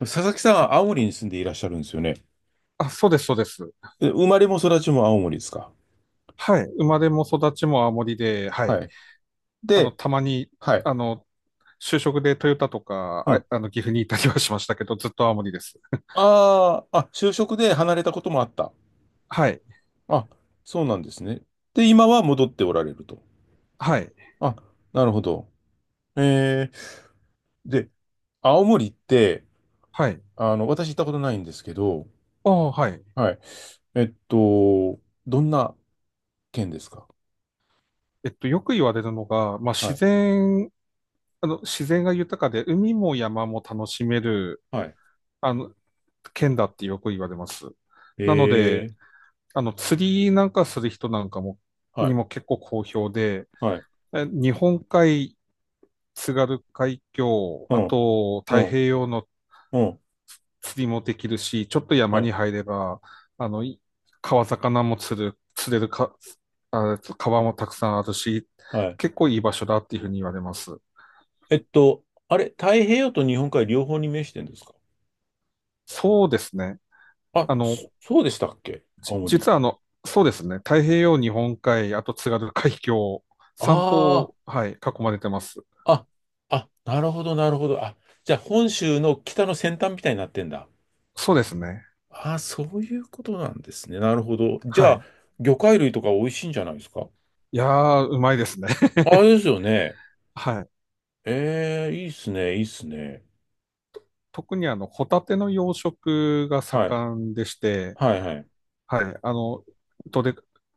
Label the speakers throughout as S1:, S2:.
S1: 佐々木さんは青森に住んでいらっしゃるんですよね。
S2: あ、そうです、そうです。
S1: 生まれも育ちも青森ですか？
S2: はい。生まれも育ちも青森で、はい。
S1: はい。で、
S2: たまに、
S1: はい。
S2: あの、就職でトヨタとか、
S1: うん。
S2: 岐阜にいたりはしましたけど、ずっと青森です。
S1: ああ、あ、就職で離れたこともあった。
S2: はい。
S1: あ、そうなんですね。で、今は戻っておられると。
S2: はい。
S1: あ、なるほど。えー、で、青森って、
S2: はい。
S1: あの、私行ったことないんですけど、
S2: ああ、はい。
S1: はい。えっと、どんな県ですか？
S2: よく言われるのが、まあ、
S1: はい。
S2: 自然が豊かで、海も山も楽しめる、
S1: はい。
S2: あの、県だってよく言われます。なので、
S1: えー、
S2: 釣りなんかする人なんかも、
S1: は
S2: に
S1: い。
S2: も結構好評で、
S1: はい。
S2: 日本海津軽海峡、
S1: う
S2: あ
S1: ん。
S2: と
S1: う
S2: 太平
S1: ん。
S2: 洋の
S1: うん。
S2: 釣りもできるし、ちょっと山
S1: は
S2: に
S1: い。
S2: 入れば、あの、い川魚も釣る、釣れるか、川もたくさんあるし、
S1: はい。
S2: 結構いい場所だっていうふうに言われます。
S1: あれ、太平洋と日本海両方に面してんですか？
S2: そうですね。
S1: あ、
S2: あ
S1: そ、
S2: の、
S1: そうでしたっけ青森。
S2: 実はそうですね。太平洋、日本海、あと津軽海峡、三
S1: あ
S2: 方、はい、囲まれてます。
S1: あ、あ、あ、なるほど、なるほど。あ、じゃあ本州の北の先端みたいになってんだ。
S2: そうですね。
S1: ああ、そういうことなんですね。なるほど。じ
S2: は
S1: ゃあ、
S2: い。
S1: 魚介類とか美味しいんじゃないですか？
S2: いやー、うまいですね。
S1: ああ、ですよね。
S2: はい。
S1: ええ、いいっすね、いいっすね。
S2: 特にホタテの養殖が
S1: はい、
S2: 盛んでして、
S1: はい、はい、
S2: はい、どれ、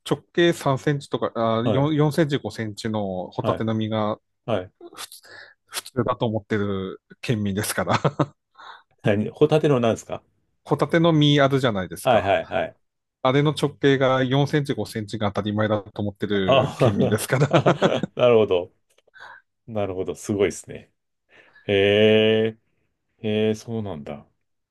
S2: 直径3センチとか、
S1: は
S2: あ、
S1: い、
S2: 4、4センチ、5センチのホタ
S1: は
S2: テ
S1: い、
S2: の身が
S1: はい。
S2: ふつ普通だと思ってる県民ですから。
S1: 何ホタテのなんですか？
S2: ホタテの身あるじゃないです
S1: はい、
S2: か。
S1: はい、はい。
S2: あれの直径が4センチ、5センチが当たり前だと思ってる
S1: あ
S2: 県民ですから。
S1: あ、なるほど。なるほど。すごいですね。へえ、へえ、そうなんだ。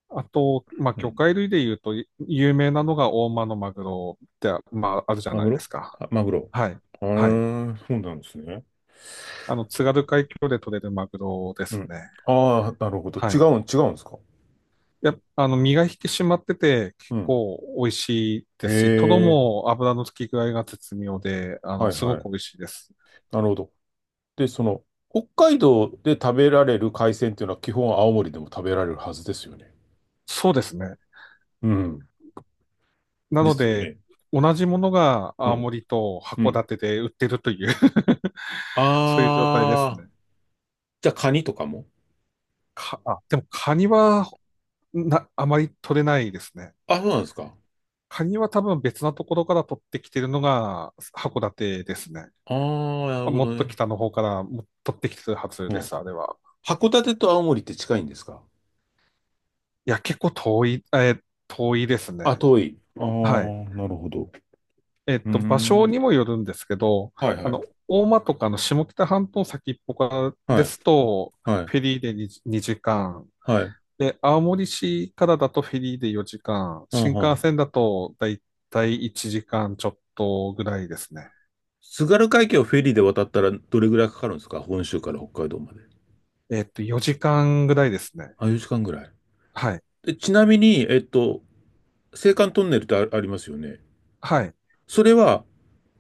S2: あと、まあ、
S1: う
S2: 魚
S1: ん。
S2: 介類で言うと、有名なのが大間のマグロって、まあ、あるじゃ
S1: マ
S2: な
S1: グ
S2: いで
S1: ロ、
S2: すか。
S1: あ、マグロ。
S2: はい。
S1: あ
S2: はい。
S1: あ、そうなんですね。
S2: 津軽海峡で取れるマグロで
S1: う
S2: す
S1: ん。
S2: ね。
S1: ああ、なるほど。
S2: は
S1: 違
S2: い。
S1: うん、違うんですか。
S2: やっあの、身が引き締まってて、結
S1: うん。
S2: 構美味しいで
S1: え
S2: すし、トロ
S1: え、
S2: も油の付き具合が絶妙で、
S1: はい
S2: すご
S1: はい。
S2: く美味しいです。
S1: なるほど。で、その、北海道で食べられる海鮮っていうのは基本青森でも食べられるはずですよね。
S2: そうですね。
S1: うん。
S2: な
S1: で
S2: の
S1: すよ
S2: で、
S1: ね。
S2: 同じものが
S1: う
S2: 青
S1: ん。
S2: 森と
S1: う
S2: 函
S1: ん。
S2: 館で売ってるという そういう状態です
S1: ああ、
S2: ね。
S1: じゃあカニとかも。
S2: でもカニはあまり取れないですね。
S1: あ、そうなんですか。
S2: カニは多分別なところから取ってきてるのが函館ですね。
S1: ああ、なるほ
S2: も
S1: ど
S2: っと
S1: ね。
S2: 北の方からも取ってきてるはず
S1: う
S2: で
S1: ん。
S2: す、あれは。
S1: 函館と青森って近いんですか？
S2: いや、結構遠い、遠いです
S1: あ、
S2: ね。
S1: 遠い。ああ、
S2: はい。
S1: なるほど。うー
S2: 場所
S1: ん。
S2: にもよるんですけど、
S1: はいはい。
S2: 大間とかの下北半島先っぽから
S1: は
S2: で
S1: い。
S2: すと、
S1: はい。
S2: フェリーで 2, 時間、
S1: はい。
S2: で、青森市からだとフェリーで4時間、
S1: あん
S2: 新
S1: は
S2: 幹
S1: ん。
S2: 線だとだいたい1時間ちょっとぐらいですね。
S1: 津軽海峡をフェリーで渡ったらどれぐらいかかるんですか本州から北海道まで。
S2: 4時間ぐらいですね。
S1: あ、4時間ぐらい。
S2: はい。
S1: で、ちなみに、青函トンネルってあ、ありますよね。
S2: はい。
S1: それは、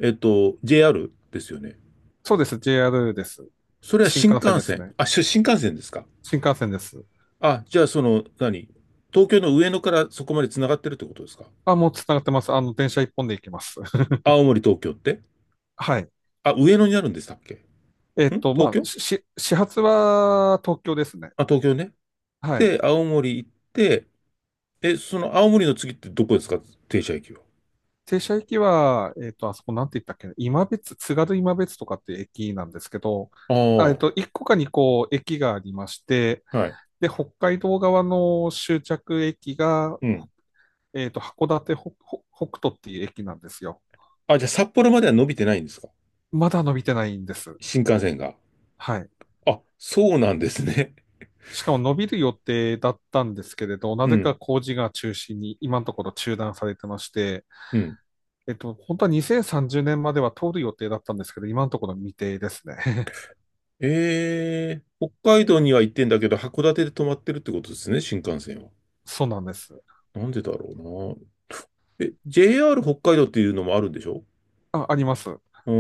S1: JR ですよね。
S2: そうです。JR です。
S1: それは
S2: 新
S1: 新
S2: 幹線
S1: 幹
S2: です
S1: 線。
S2: ね。
S1: あ、し新幹線ですか？
S2: 新幹線です。
S1: あ、じゃあその、何東京の上野からそこまで繋がってるってことですか？
S2: あ、もうつながってます。電車一本で行きます。
S1: 青森、東京って、
S2: はい。
S1: あ、上野にあるんでしたっけ。ん東
S2: まあ、
S1: 京、
S2: 始発は東京ですね。
S1: あ、東京ね。
S2: はい。
S1: で、青森行って、え、その青森の次ってどこですか、停車駅は。
S2: 停車駅は、あそこなんて言ったっけな、今別、津軽今別とかっていう駅なんですけど、
S1: あ
S2: 1個か2個駅がありまして、
S1: あ、はい。
S2: で、北海道側の終着駅が、
S1: うん。
S2: 函館北、北北斗っていう駅なんですよ。
S1: あ、じゃあ札幌までは伸びてないんですか、
S2: まだ伸びてないんです。
S1: 新幹線が。
S2: はい。
S1: あ、そうなんですね。
S2: しかも伸びる予定だったんですけれど、な
S1: う
S2: ぜか
S1: ん、
S2: 工事が中心に今のところ中断されてまして、
S1: うん。
S2: 本当は2030年までは通る予定だったんですけど、今のところ未定ですね。
S1: 北海道には行ってんだけど、函館で止まってるってことですね、新幹線は。
S2: そうなんです。
S1: なんでだろうな。え、JR 北海道っていうのもあるんでしょ？
S2: あ、あります。
S1: うー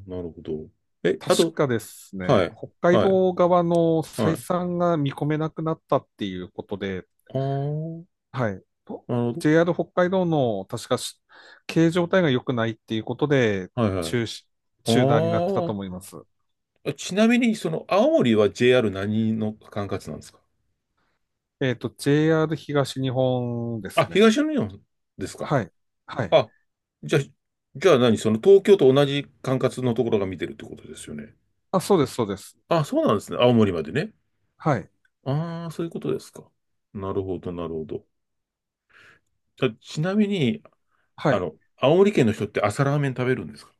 S1: ん、なるほど。え、あと、
S2: 確かです
S1: は
S2: ね、
S1: い、
S2: 北海
S1: はい、
S2: 道側の
S1: は
S2: 採
S1: い。
S2: 算が見込めなくなったっていうことで、
S1: ああ、
S2: はい。と
S1: なるほど。
S2: JR 北海道の確か経営状態が良くないっていうことで
S1: はい、はい。
S2: 中止、中断になってたと
S1: ああ、
S2: 思います。
S1: ちなみに、その、青森は JR 何の管轄なんですか？
S2: JR 東日本で
S1: あ、
S2: すね。
S1: 東日本ですか？
S2: はい。はい。
S1: あ、じゃあ、じゃあ何その東京と同じ管轄のところが見てるってことですよね。
S2: あ、そうです、そうです。
S1: あ、そうなんですね。青森までね。
S2: はい。
S1: ああ、そういうことですか。なるほど、なるほど。じゃあちなみに、
S2: は
S1: あ
S2: い。
S1: の、青森県の人って朝ラーメン食べるんですか？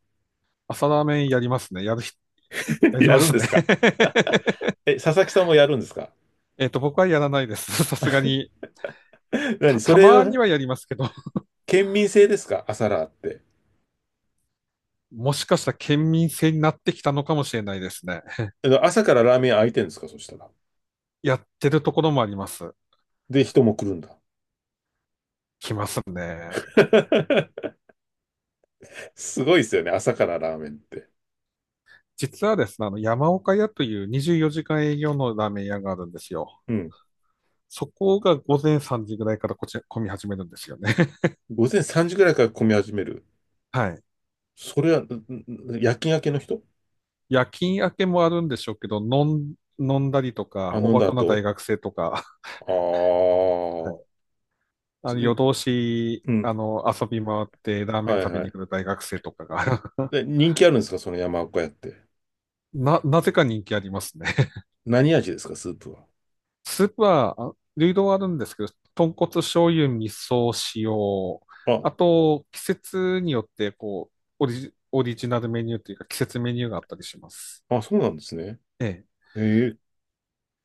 S2: 朝ラーメンやりますね。やる人、やり
S1: や
S2: ま
S1: るん
S2: す
S1: で
S2: ね。
S1: すか？ え、佐々木さんもやるんですか？
S2: 僕はやらないです。さすがに。
S1: 何そ
S2: た
S1: れ
S2: まに
S1: は、
S2: はやりますけど、
S1: 県民性ですか朝ラーって。
S2: もしかしたら県民性になってきたのかもしれないですね。
S1: あの朝からラーメン開いてるんですかそしたら。
S2: やってるところもあります。
S1: で、人も来るんだ。
S2: 来ますね。
S1: すごいですよね、朝からラーメンって。
S2: 実はですね、山岡屋という24時間営業のラーメン屋があるんですよ。
S1: うん。
S2: そこが午前3時ぐらいからこちら、混み始めるんですよね。
S1: 午前3時ぐらいから混み始める。
S2: はい。
S1: それは、んん夜勤明けの人？
S2: 夜勤明けもあるんでしょうけど、飲んだりと
S1: あ、
S2: か、お
S1: 飲ん
S2: バ
S1: だ
S2: カな大
S1: 後。
S2: 学生とか、は
S1: ああ
S2: い。
S1: ー、
S2: 夜
S1: す、
S2: 通し、
S1: うん。
S2: 遊び回ってラーメ
S1: は
S2: ン
S1: い
S2: 食べ
S1: は
S2: に
S1: い。
S2: 来る大学生とかが
S1: で、人気あるんですか、その山岡屋って。
S2: なぜか人気ありますね。
S1: 何味ですか、スープは。
S2: スープは、流動はあるんですけど、豚骨醤油、味噌、塩、
S1: あ、
S2: あと、季節によって、こう、オリジナルメニューというか、季節メニューがあったりします。
S1: あ、そうなんですね。
S2: ええ。
S1: ええ、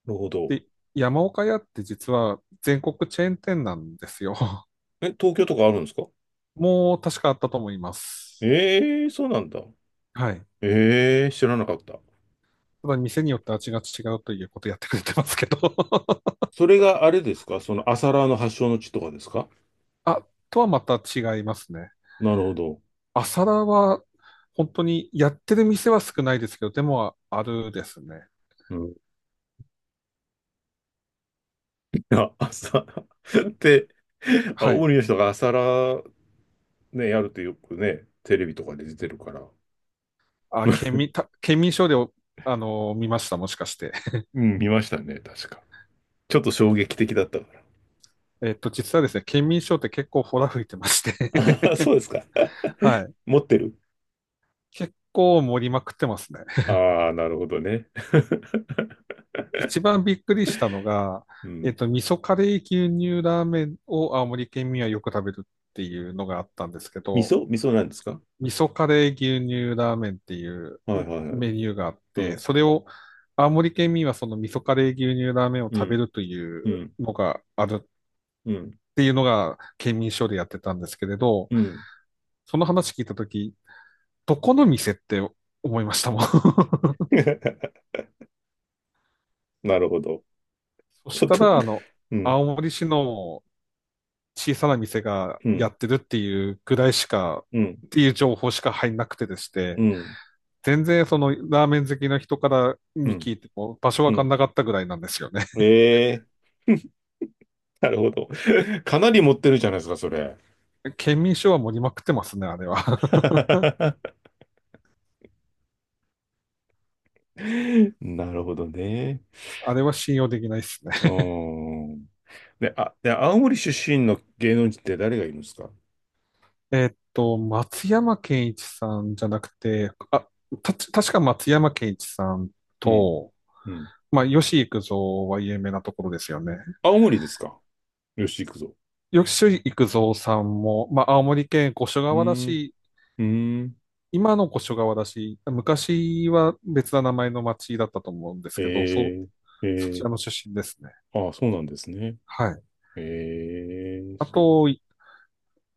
S1: なるほど。
S2: で、山岡屋って実は全国チェーン店なんですよ。
S1: え、東京とかあるんですか？
S2: もう確かあったと思います。
S1: ええそうなんだ。
S2: はい。
S1: ええ知らなかった。
S2: ただ店によって味が違うということやってくれてますけど
S1: それがあれですかその朝ラーの発祥の地とかですか？
S2: あ、とはまた違いますね。
S1: なるほど。
S2: 朝ラーは本当にやってる店は少ないですけど、でもあるですね。
S1: あ、朝って あ、
S2: は
S1: 大
S2: い。
S1: リの人が朝ラね、やるとよくね、テレビとかで出てるから。
S2: 県民シでお、見ました、もしかして。
S1: うん、見ましたね、確か。ちょっと衝撃的だったから。
S2: 実はですね、県民賞って結構ほら吹いてまし て
S1: あそうですか。
S2: はい。
S1: 持ってる。
S2: 結構盛りまくってますね。
S1: ああー、なるほどね。
S2: 一番びっくりしたのが、
S1: うん。
S2: 味噌カレー牛乳ラーメンを青森県民はよく食べるっていうのがあったんですけ
S1: 味
S2: ど、
S1: 噌味噌なんですか？
S2: 味噌カレー牛乳ラーメンっていう
S1: はいはいはい。
S2: メニューがあっ
S1: う
S2: て、
S1: ん、
S2: それを青森県民はその味噌カレー牛乳ラーメンを
S1: う
S2: 食べ
S1: ん、
S2: るという
S1: うん、
S2: のがあるっ
S1: うん、
S2: ていうのが県民省でやってたんですけれど、
S1: うん。
S2: その話聞いたとき、どこの店って思いましたもん。
S1: なるほど。
S2: そし
S1: ちょっ
S2: た
S1: と、
S2: ら、
S1: うん、
S2: 青森市の小さな店が
S1: う
S2: や
S1: ん、
S2: ってるっていうぐらいしか、
S1: うん、
S2: っていう情報しか入んなくてでして、
S1: うん、
S2: 全然そのラーメン好きの人から
S1: う
S2: に
S1: ん、
S2: 聞いても場所
S1: う
S2: わかん
S1: ん。
S2: なかったぐらいなんですよね。
S1: ええ、なるほど。かなり持ってるじゃないですか、それ。
S2: 県民賞は盛りまくってますね、あれは。
S1: なるほどね。
S2: あれは信用できないですね。
S1: う ーん。で、あ、で、青森出身の芸能人って誰がいるんですか？
S2: 松山健一さんじゃなくて、確か松山健一さん
S1: うん。
S2: と、
S1: うん。
S2: まあ、吉幾三は有名なところですよね。
S1: 青森ですか？よし、行くぞ。
S2: 吉幾三さんも、まあ、青森県五所
S1: う
S2: 川原
S1: ーん。
S2: 市
S1: うーん。
S2: 今の越川だし、昔は別な名前の町だったと思うんですけど、
S1: えー、
S2: そち
S1: え
S2: らの出身ですね。
S1: ー、ああ、そうなんですね。
S2: はい。
S1: えー、
S2: あ
S1: そ、
S2: と、い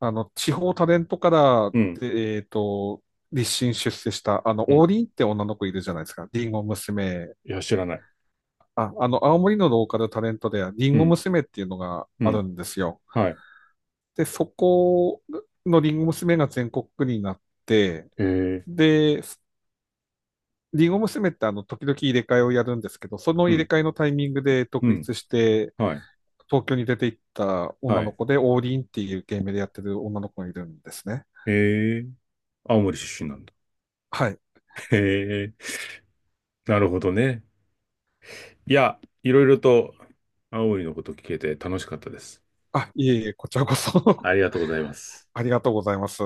S2: あの、地方タレントから、
S1: うん。
S2: で、立身出世した、
S1: うん。
S2: 王林って女の子いるじゃないですか。リンゴ娘。
S1: いや、知らない。
S2: 青森のローカルタレントで、リン
S1: う
S2: ゴ
S1: ん。
S2: 娘っていうのが
S1: う
S2: ある
S1: ん。
S2: んですよ。
S1: はい。
S2: で、そこのリンゴ娘が全国区になって、
S1: えー、
S2: で、リンゴ娘って時々入れ替えをやるんですけど、その
S1: う
S2: 入れ
S1: ん。
S2: 替えのタイミングで
S1: う
S2: 独
S1: ん。
S2: 立して、
S1: はい。
S2: 東京に出て行った女
S1: は
S2: の
S1: い。
S2: 子で、王林っていうゲームでやってる女の子がいるんですね。
S1: えー、青森出身なんだ。
S2: はい。
S1: へえ、なるほどね。いや、いろいろと青森のこと聞けて楽しかったです。
S2: あ、いえいえ、こちらこ
S1: あ
S2: そ
S1: りがとうございます。
S2: ありがとうございます。